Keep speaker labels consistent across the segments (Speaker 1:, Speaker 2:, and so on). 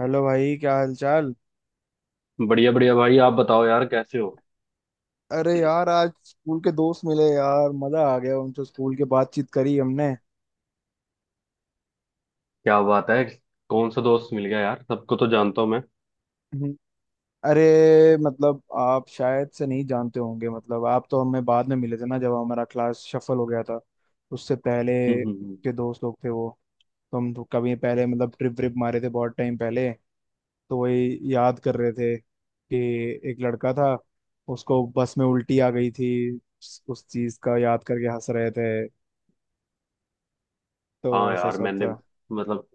Speaker 1: Hello भाई, क्या हाल चाल।
Speaker 2: बढ़िया बढ़िया भाई, आप बताओ यार कैसे हो।
Speaker 1: अरे यार, आज स्कूल के दोस्त मिले यार, मजा आ गया। उनसे स्कूल के बातचीत करी हमने।
Speaker 2: क्या बात है? कौन सा दोस्त मिल गया यार, सबको तो जानता हूँ मैं।
Speaker 1: हम्म। अरे मतलब आप शायद से नहीं जानते होंगे, मतलब आप तो हमें बाद में मिले थे ना, जब हमारा क्लास शफल हो गया था। उससे पहले
Speaker 2: हम्म हम्म, हम्म।
Speaker 1: के दोस्त लोग थे वो। तो हम तो कभी पहले मतलब ट्रिप व्रिप मारे थे, बहुत टाइम पहले। तो वही याद कर रहे थे कि एक लड़का था, उसको बस में उल्टी आ गई थी। उस चीज का याद करके हंस रहे थे। तो
Speaker 2: हाँ
Speaker 1: ऐसा
Speaker 2: यार,
Speaker 1: सब
Speaker 2: मैंने
Speaker 1: था।
Speaker 2: मतलब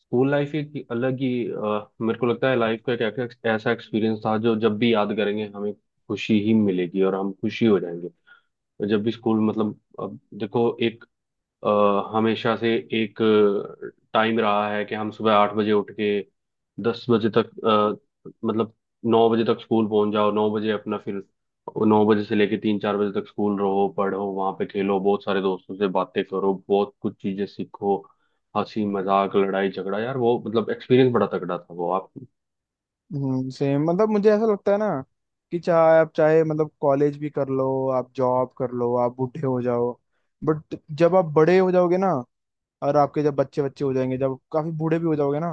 Speaker 2: स्कूल लाइफ एक अलग ही मेरे को लगता है लाइफ का एक एक- ऐसा एक्सपीरियंस था जो जब भी याद करेंगे, हमें खुशी ही मिलेगी और हम खुशी हो जाएंगे। और जब भी स्कूल, मतलब, अब देखो, अ, हमेशा से एक टाइम रहा है कि हम सुबह 8 बजे उठ के 10 बजे तक मतलब 9 बजे तक स्कूल पहुंच जाओ, 9 बजे अपना, फिर 9 बजे से लेके 3 4 बजे तक स्कूल रहो, पढ़ो, वहां पे खेलो, बहुत सारे दोस्तों से बातें करो, बहुत कुछ चीजें सीखो, हंसी मजाक, लड़ाई झगड़ा यार। वो मतलब एक्सपीरियंस बड़ा तगड़ा था वो आप।
Speaker 1: हम्म, सेम। मतलब मुझे ऐसा लगता है ना कि चाहे आप, चाहे मतलब कॉलेज भी कर लो, आप जॉब कर लो, आप बूढ़े हो जाओ। बट जब आप बड़े हो जाओगे ना, और आपके जब बच्चे बच्चे हो जाएंगे, जब काफी बूढ़े भी हो जाओगे ना,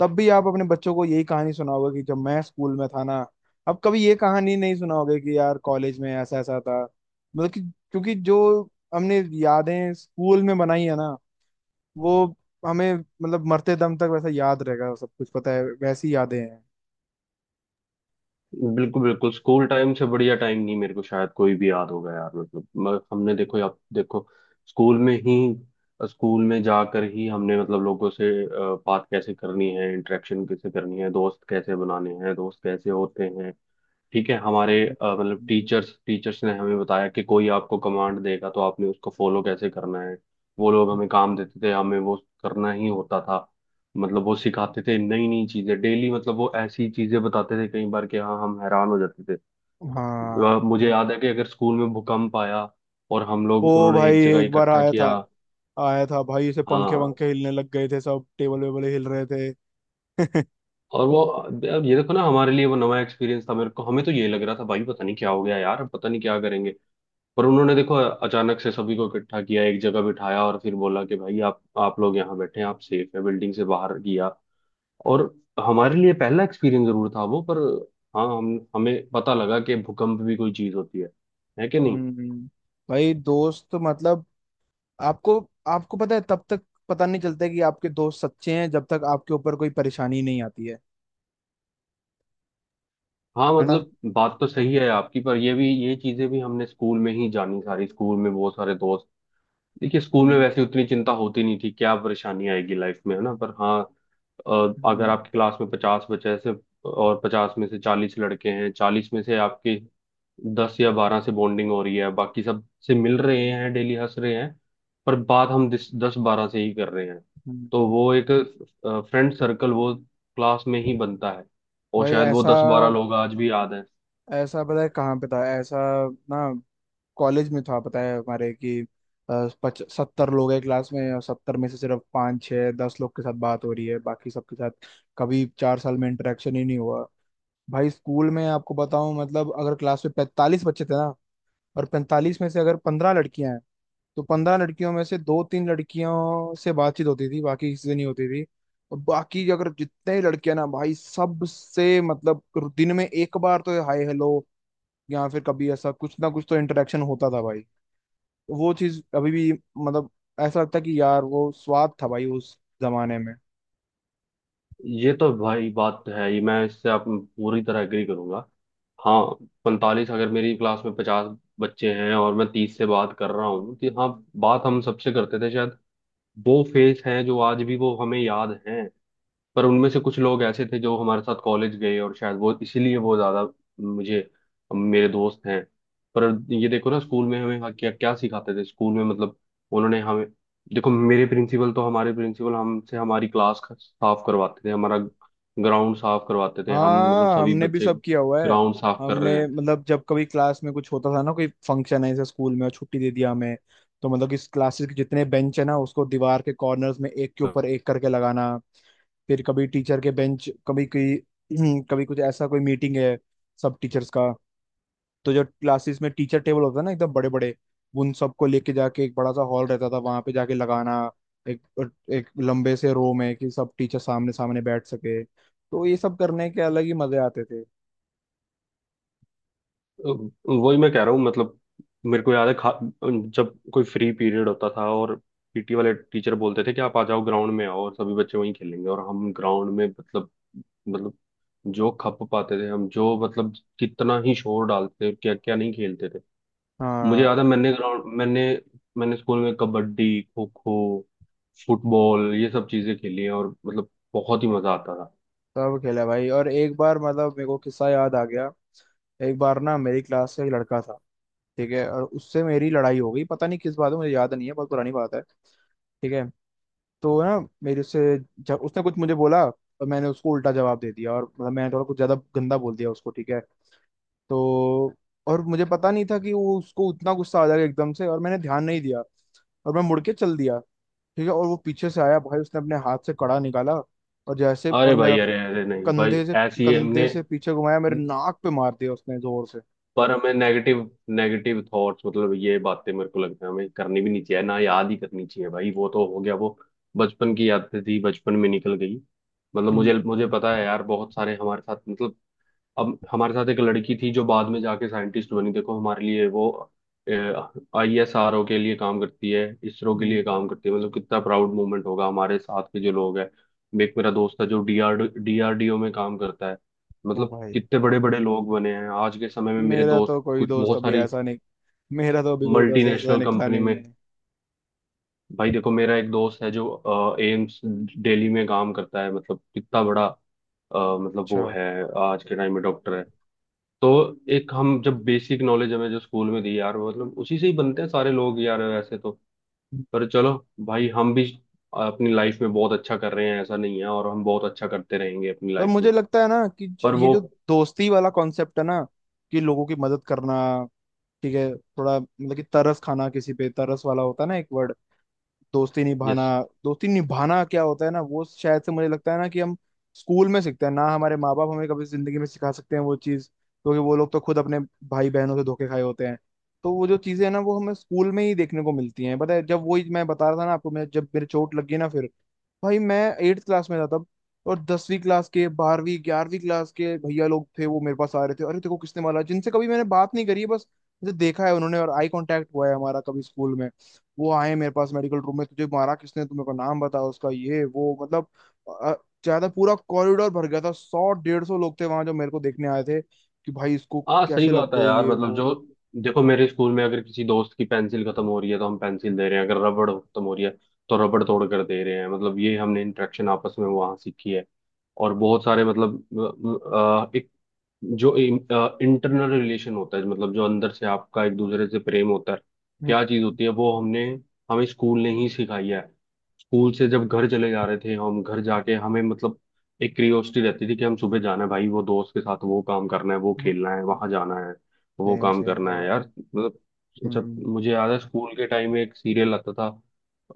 Speaker 1: तब भी आप अपने बच्चों को यही कहानी सुनाओगे कि जब मैं स्कूल में था ना। अब कभी ये कहानी नहीं सुनाओगे कि यार कॉलेज में ऐसा ऐसा था। मतलब कि क्योंकि जो हमने यादें स्कूल में बनाई है ना, वो हमें मतलब मरते दम तक वैसा याद रहेगा सब कुछ। पता है, वैसी यादें हैं।
Speaker 2: बिल्कुल बिल्कुल, स्कूल टाइम से बढ़िया टाइम नहीं, मेरे को शायद कोई भी याद होगा यार। मतलब हमने, देखो आप, देखो स्कूल में ही, स्कूल में जाकर ही हमने मतलब लोगों से बात कैसे करनी है, इंटरेक्शन कैसे करनी है, दोस्त कैसे बनाने हैं, दोस्त कैसे होते हैं, ठीक है। हमारे मतलब
Speaker 1: हम्म।
Speaker 2: टीचर्स टीचर्स ने हमें बताया कि कोई आपको कमांड देगा तो आपने उसको फॉलो कैसे करना है। वो लोग हमें काम देते थे, हमें वो करना ही होता था। मतलब वो सिखाते थे नई नई चीजें डेली। मतलब वो ऐसी चीजें बताते थे कई बार कि हाँ, हम हैरान हो जाते थे।
Speaker 1: हाँ,
Speaker 2: मुझे याद है कि अगर स्कूल में भूकंप आया और हम लोग,
Speaker 1: वो
Speaker 2: उन्होंने
Speaker 1: भाई
Speaker 2: एक जगह
Speaker 1: एक बार
Speaker 2: इकट्ठा
Speaker 1: आया था।
Speaker 2: किया।
Speaker 1: आया था भाई, इसे पंखे
Speaker 2: हाँ।
Speaker 1: वंखे हिलने लग गए थे, सब टेबल वेबल हिल रहे थे।
Speaker 2: और वो, अब ये देखो ना, हमारे लिए वो नया एक्सपीरियंस था, मेरे को हमें तो ये लग रहा था भाई पता नहीं क्या हो गया यार, पता नहीं क्या करेंगे। पर उन्होंने देखो अचानक से सभी को इकट्ठा किया, एक जगह बिठाया और फिर बोला कि भाई आप लोग यहाँ बैठे हैं, आप सेफ है, बिल्डिंग से बाहर किया। और हमारे लिए पहला एक्सपीरियंस जरूर था वो, पर हाँ हम, हमें पता लगा कि भूकंप भी कोई चीज होती है कि नहीं?
Speaker 1: हम्म भाई, दोस्त मतलब आपको आपको पता है, तब तक पता नहीं चलता कि आपके दोस्त सच्चे हैं जब तक आपके ऊपर कोई परेशानी नहीं आती है।
Speaker 2: हाँ
Speaker 1: है ना।
Speaker 2: मतलब बात तो सही है आपकी, पर ये भी, ये चीजें भी हमने स्कूल में ही जानी सारी। स्कूल में बहुत सारे दोस्त, देखिए स्कूल में
Speaker 1: हम्म
Speaker 2: वैसे उतनी चिंता होती नहीं थी, क्या परेशानी आएगी लाइफ में, है ना? पर हाँ, अगर
Speaker 1: हम्म
Speaker 2: आपकी क्लास में 50 बच्चे से, और 50 में से 40 लड़के हैं, 40 में से आपके 10 या 12 से बॉन्डिंग हो रही है, बाकी सब से मिल रहे हैं डेली, हंस रहे हैं, पर बात हम दस दस बारह से ही कर रहे हैं। तो
Speaker 1: हम्म।
Speaker 2: वो एक फ्रेंड सर्कल वो क्लास में ही बनता है, और
Speaker 1: भाई
Speaker 2: शायद वो
Speaker 1: ऐसा,
Speaker 2: 10 12 लोग आज भी याद हैं।
Speaker 1: ऐसा पता है कहाँ पे था ऐसा ना, कॉलेज में था पता है हमारे कि पच 70 लोग हैं क्लास में, और 70 में से सिर्फ पाँच छः 10 लोग के साथ बात हो रही है, बाकी सबके साथ कभी 4 साल में इंटरेक्शन ही नहीं हुआ। भाई स्कूल में आपको बताऊं, मतलब अगर क्लास में 45 बच्चे थे ना, और 45 में से अगर 15 लड़कियां हैं, तो 15 लड़कियों में से दो तीन लड़कियों से बातचीत होती थी, बाकी किसी से नहीं होती थी। और बाकी अगर जितने ही लड़कियां ना भाई, सबसे मतलब दिन में एक बार तो हाय हेलो, या फिर कभी ऐसा कुछ ना कुछ तो इंटरेक्शन होता था भाई। वो चीज अभी भी मतलब ऐसा लगता है कि यार, वो स्वाद था भाई उस जमाने में।
Speaker 2: ये तो भाई बात तो है, ये मैं, इससे आप पूरी तरह एग्री करूंगा। हाँ, 45, अगर मेरी क्लास में 50 बच्चे हैं और मैं 30 से बात कर रहा हूँ तो हाँ, बात हम सबसे करते थे शायद। वो फेस हैं जो आज भी वो हमें याद हैं। पर उनमें से कुछ लोग ऐसे थे जो हमारे साथ कॉलेज गए, और शायद वो इसीलिए वो ज्यादा मुझे मेरे दोस्त हैं। पर ये देखो ना स्कूल में हमें क्या क्या सिखाते थे, स्कूल में मतलब उन्होंने हमें देखो, मेरे प्रिंसिपल तो हमारे प्रिंसिपल हमसे हमारी क्लास साफ करवाते थे, हमारा ग्राउंड साफ करवाते थे, हम मतलब
Speaker 1: हाँ,
Speaker 2: सभी
Speaker 1: हमने भी
Speaker 2: बच्चे
Speaker 1: सब किया हुआ है।
Speaker 2: ग्राउंड साफ कर
Speaker 1: हमने
Speaker 2: रहे हैं।
Speaker 1: मतलब जब कभी क्लास में कुछ होता था ना, कोई फंक्शन है जैसे स्कूल में और छुट्टी दे दिया हमें, तो मतलब इस क्लासेस के जितने बेंच है ना, उसको दीवार के कॉर्नर्स में एक के ऊपर एक करके लगाना। फिर कभी टीचर के बेंच, कभी कोई कभी कुछ ऐसा, कोई मीटिंग है सब टीचर्स का, तो जो क्लासेस में टीचर टेबल होता है ना, एकदम बड़े बड़े, उन सबको लेके जाके एक बड़ा सा हॉल रहता था, वहां पे जाके लगाना एक एक लंबे से रो में कि सब टीचर सामने सामने बैठ सके, तो ये सब करने के अलग ही मजे आते थे।
Speaker 2: वही मैं कह रहा हूँ, मतलब मेरे को याद है खा जब कोई फ्री पीरियड होता था और पीटी वाले टीचर बोलते थे कि आप आ जाओ ग्राउंड में, आओ, और सभी बच्चे वहीं खेलेंगे, और हम ग्राउंड में मतलब, मतलब जो खप पाते थे हम, जो मतलब कितना ही शोर डालते थे, क्या क्या नहीं खेलते थे। मुझे याद है
Speaker 1: हाँ,
Speaker 2: मैंने ग्राउंड मैंने मैंने स्कूल में कबड्डी, खो खो, फुटबॉल, ये सब चीजें खेली हैं, और मतलब बहुत ही मजा आता था।
Speaker 1: सब खेला भाई, और एक बार मतलब मेरे को किस्सा याद आ गया। एक बार ना मेरी क्लास से एक लड़का था, ठीक है, और उससे मेरी लड़ाई हो गई, पता नहीं किस बात में, मुझे याद नहीं है, बहुत पुरानी बात है, ठीक है। तो ना, मेरे से जब उसने कुछ मुझे बोला, और मैंने उसको उल्टा जवाब दे दिया, और मतलब मैंने थोड़ा कुछ ज्यादा गंदा बोल दिया उसको, ठीक है। तो और मुझे पता नहीं था कि वो उसको उतना गुस्सा आ जाएगा एकदम से, और मैंने ध्यान नहीं दिया, और मैं मुड़ के चल दिया, ठीक है। और वो पीछे से आया भाई, उसने अपने हाथ से कड़ा निकाला, और जैसे
Speaker 2: अरे
Speaker 1: और मेरा
Speaker 2: भाई अरे अरे, नहीं भाई
Speaker 1: कंधे से
Speaker 2: ऐसी
Speaker 1: कंधे
Speaker 2: हमने,
Speaker 1: से पीछे घुमाया, मेरे नाक पे मार दिया उसने जोर से।
Speaker 2: पर हमें नेगेटिव नेगेटिव थॉट्स, मतलब ये बातें मेरे को लगता है हमें करनी भी नहीं चाहिए ना, याद ही करनी चाहिए भाई। वो तो हो गया, वो बचपन की यादें थी, बचपन में निकल गई। मतलब मुझे मुझे
Speaker 1: हम्म
Speaker 2: पता है यार, बहुत सारे हमारे साथ मतलब, अब हमारे साथ एक लड़की थी जो बाद में जाके साइंटिस्ट बनी, देखो हमारे लिए वो आईएसआरओ के लिए काम करती है, इसरो के लिए
Speaker 1: हम्म,
Speaker 2: काम करती है, मतलब कितना प्राउड मोमेंट होगा। हमारे साथ के जो लोग हैं, एक मेरा दोस्त है जो डीआरडीओ में काम करता है,
Speaker 1: ओ
Speaker 2: मतलब
Speaker 1: भाई,
Speaker 2: कितने बड़े बड़े लोग बने हैं आज के समय में मेरे
Speaker 1: मेरा
Speaker 2: दोस्त,
Speaker 1: तो कोई
Speaker 2: कुछ
Speaker 1: दोस्त
Speaker 2: बहुत
Speaker 1: अभी
Speaker 2: सारी
Speaker 1: ऐसा नहीं। मेरा तो अभी कोई दोस्त ऐसा
Speaker 2: मल्टीनेशनल
Speaker 1: निकला
Speaker 2: कंपनी
Speaker 1: नहीं
Speaker 2: में।
Speaker 1: है।
Speaker 2: भाई देखो, मेरा एक दोस्त है जो एम्स दिल्ली में काम करता है, मतलब कितना बड़ा मतलब
Speaker 1: अच्छा।
Speaker 2: वो है आज के टाइम में, डॉक्टर है। तो एक हम जब बेसिक नॉलेज हमें जो स्कूल में दी यार, वो मतलब उसी से ही बनते हैं सारे लोग यार, वैसे तो। पर चलो भाई, हम भी अपनी लाइफ में बहुत अच्छा कर रहे हैं, ऐसा नहीं है, और हम बहुत अच्छा करते रहेंगे अपनी
Speaker 1: पर
Speaker 2: लाइफ
Speaker 1: मुझे
Speaker 2: में।
Speaker 1: लगता है ना कि
Speaker 2: पर
Speaker 1: ये
Speaker 2: वो,
Speaker 1: जो दोस्ती वाला कॉन्सेप्ट है ना, कि लोगों की मदद करना, ठीक है, थोड़ा मतलब कि तरस खाना, किसी पे तरस वाला होता है ना, एक वर्ड दोस्ती निभाना।
Speaker 2: यस,
Speaker 1: दोस्ती निभाना क्या होता है ना, वो शायद से मुझे लगता है ना कि हम स्कूल में सीखते हैं ना। हमारे माँ बाप हमें कभी जिंदगी में सिखा सकते हैं वो चीज़, क्योंकि वो लोग तो खुद अपने भाई बहनों से धोखे खाए होते हैं। तो वो जो चीज़ें हैं ना, वो हमें स्कूल में ही देखने को मिलती हैं, पता है। जब वही मैं बता रहा था ना आपको, मैं जब मेरे चोट लगी ना, फिर भाई मैं एट्थ क्लास में था तब, और 10वीं क्लास के, 12वीं 11वीं क्लास के भैया लोग थे, वो मेरे पास आ रहे थे, अरे तेरे को किसने मारा, जिनसे कभी मैंने बात नहीं करी है, बस मुझे देखा है उन्होंने और आई कांटेक्ट हुआ है हमारा कभी स्कूल में। वो आए मेरे पास मेडिकल रूम में, तुझे मारा किसने, तुम्हें को नाम बताया उसका, ये वो मतलब अ, ज्यादा पूरा कॉरिडोर भर गया था, 100 150 लोग थे वहां जो मेरे को देखने आए थे कि भाई इसको
Speaker 2: हाँ सही
Speaker 1: कैसे लग
Speaker 2: बात है
Speaker 1: गई,
Speaker 2: यार,
Speaker 1: ये
Speaker 2: मतलब
Speaker 1: वो।
Speaker 2: जो, देखो मेरे स्कूल में अगर किसी दोस्त की पेंसिल खत्म हो रही है तो हम पेंसिल दे रहे हैं, अगर रबड़ खत्म हो रही है तो रबड़ तोड़ कर दे रहे हैं, मतलब ये हमने इंटरेक्शन आपस में वहाँ सीखी है। और बहुत सारे मतलब एक जो इंटरनल रिलेशन होता है, मतलब जो अंदर से आपका एक दूसरे से प्रेम होता है,
Speaker 1: हम्म,
Speaker 2: क्या चीज़ होती है, वो हमने, हमें स्कूल ने ही सिखाई है। स्कूल से जब घर चले जा रहे थे हम, घर जाके हमें मतलब एक क्यूरियोसिटी रहती थी कि हम सुबह जाना है भाई, वो दोस्त के साथ वो काम करना है, वो खेलना है, वहां जाना है, वो
Speaker 1: सेम
Speaker 2: काम
Speaker 1: सेम
Speaker 2: करना
Speaker 1: भाई।
Speaker 2: है यार। मतलब जब,
Speaker 1: हम्म
Speaker 2: मुझे याद है स्कूल के टाइम में एक सीरियल आता था,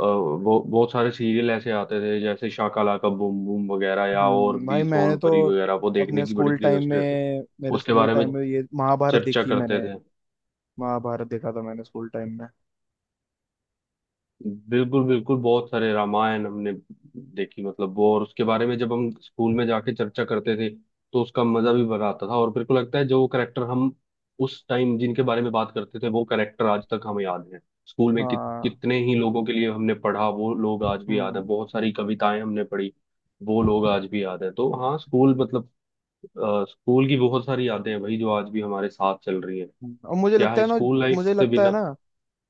Speaker 2: वो बहुत सारे सीरियल ऐसे आते थे, जैसे शाकाला का बूम बूम वगैरह, या और
Speaker 1: हम्म, भाई
Speaker 2: भी
Speaker 1: मैंने
Speaker 2: सोन
Speaker 1: तो
Speaker 2: परी वगैरह, वो देखने
Speaker 1: अपने
Speaker 2: की बड़ी
Speaker 1: स्कूल टाइम
Speaker 2: क्यूरियोसिटी रहती थी,
Speaker 1: में मेरे
Speaker 2: उसके
Speaker 1: स्कूल
Speaker 2: बारे में
Speaker 1: टाइम में ये महाभारत
Speaker 2: चर्चा
Speaker 1: देखी
Speaker 2: करते
Speaker 1: मैंने।
Speaker 2: थे।
Speaker 1: महाभारत देखा था मैंने स्कूल टाइम में।
Speaker 2: बिल्कुल बिल्कुल, बहुत सारे रामायण हमने देखी, मतलब वो, और उसके बारे में जब हम स्कूल में जाके चर्चा करते थे तो उसका मजा भी बड़ा आता था। और मेरे को लगता है जो करेक्टर हम उस टाइम जिनके बारे में बात करते थे, वो करेक्टर आज तक हमें याद है, स्कूल में कि
Speaker 1: हाँ।
Speaker 2: कितने ही लोगों के लिए हमने पढ़ा, वो लोग आज भी याद
Speaker 1: हम्म
Speaker 2: है, बहुत सारी कविताएं हमने पढ़ी, वो लोग आज भी याद है। तो हाँ स्कूल मतलब, स्कूल की बहुत सारी यादें हैं भाई जो आज भी हमारे साथ चल रही हैं।
Speaker 1: और मुझे
Speaker 2: क्या
Speaker 1: लगता
Speaker 2: है
Speaker 1: है ना,
Speaker 2: स्कूल लाइफ
Speaker 1: मुझे
Speaker 2: से
Speaker 1: लगता है
Speaker 2: बिना।
Speaker 1: ना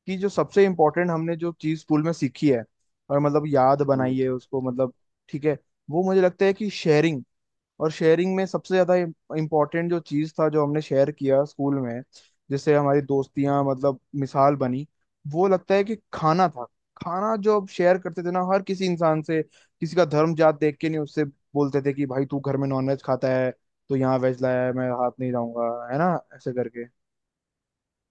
Speaker 1: कि जो सबसे इम्पोर्टेंट हमने जो चीज स्कूल में सीखी है, और मतलब याद
Speaker 2: हम्म।
Speaker 1: बनाई है उसको, मतलब, ठीक है, वो मुझे लगता है कि शेयरिंग। और शेयरिंग में सबसे ज्यादा इम्पोर्टेंट जो चीज था, जो हमने शेयर किया स्कूल में, जिससे हमारी दोस्तियां मतलब मिसाल बनी, वो लगता है कि खाना था। खाना जो अब शेयर करते थे ना हर किसी इंसान से, किसी का धर्म जात देख के नहीं, उससे बोलते थे कि भाई तू घर में नॉनवेज खाता है, तो यहाँ वेज लाया है मैं, हाथ नहीं जाऊंगा, है ना, ऐसे करके।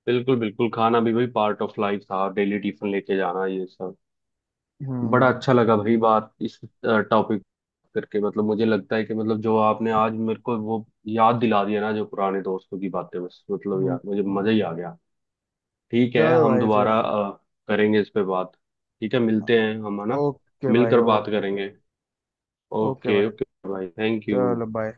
Speaker 2: बिल्कुल बिल्कुल, खाना भी भाई पार्ट ऑफ लाइफ था, डेली टिफिन लेके जाना ये सब। बड़ा
Speaker 1: हम्म
Speaker 2: अच्छा लगा भाई बात इस टॉपिक करके, मतलब मुझे लगता है कि मतलब जो आपने आज मेरे को वो याद दिला दिया ना, जो पुराने दोस्तों की बातें, बस मतलब
Speaker 1: हम्म
Speaker 2: यार, मुझे
Speaker 1: हम्म।
Speaker 2: मजा ही आ गया। ठीक है,
Speaker 1: चलो
Speaker 2: हम
Speaker 1: भाई फिर।
Speaker 2: दोबारा करेंगे इस पे बात। ठीक है, मिलते हैं हम, है ना?
Speaker 1: ओके भाई,
Speaker 2: मिलकर बात
Speaker 1: ओके।
Speaker 2: करेंगे।
Speaker 1: ओके
Speaker 2: ओके
Speaker 1: भाई,
Speaker 2: ओके भाई, थैंक यू।
Speaker 1: चलो बाय।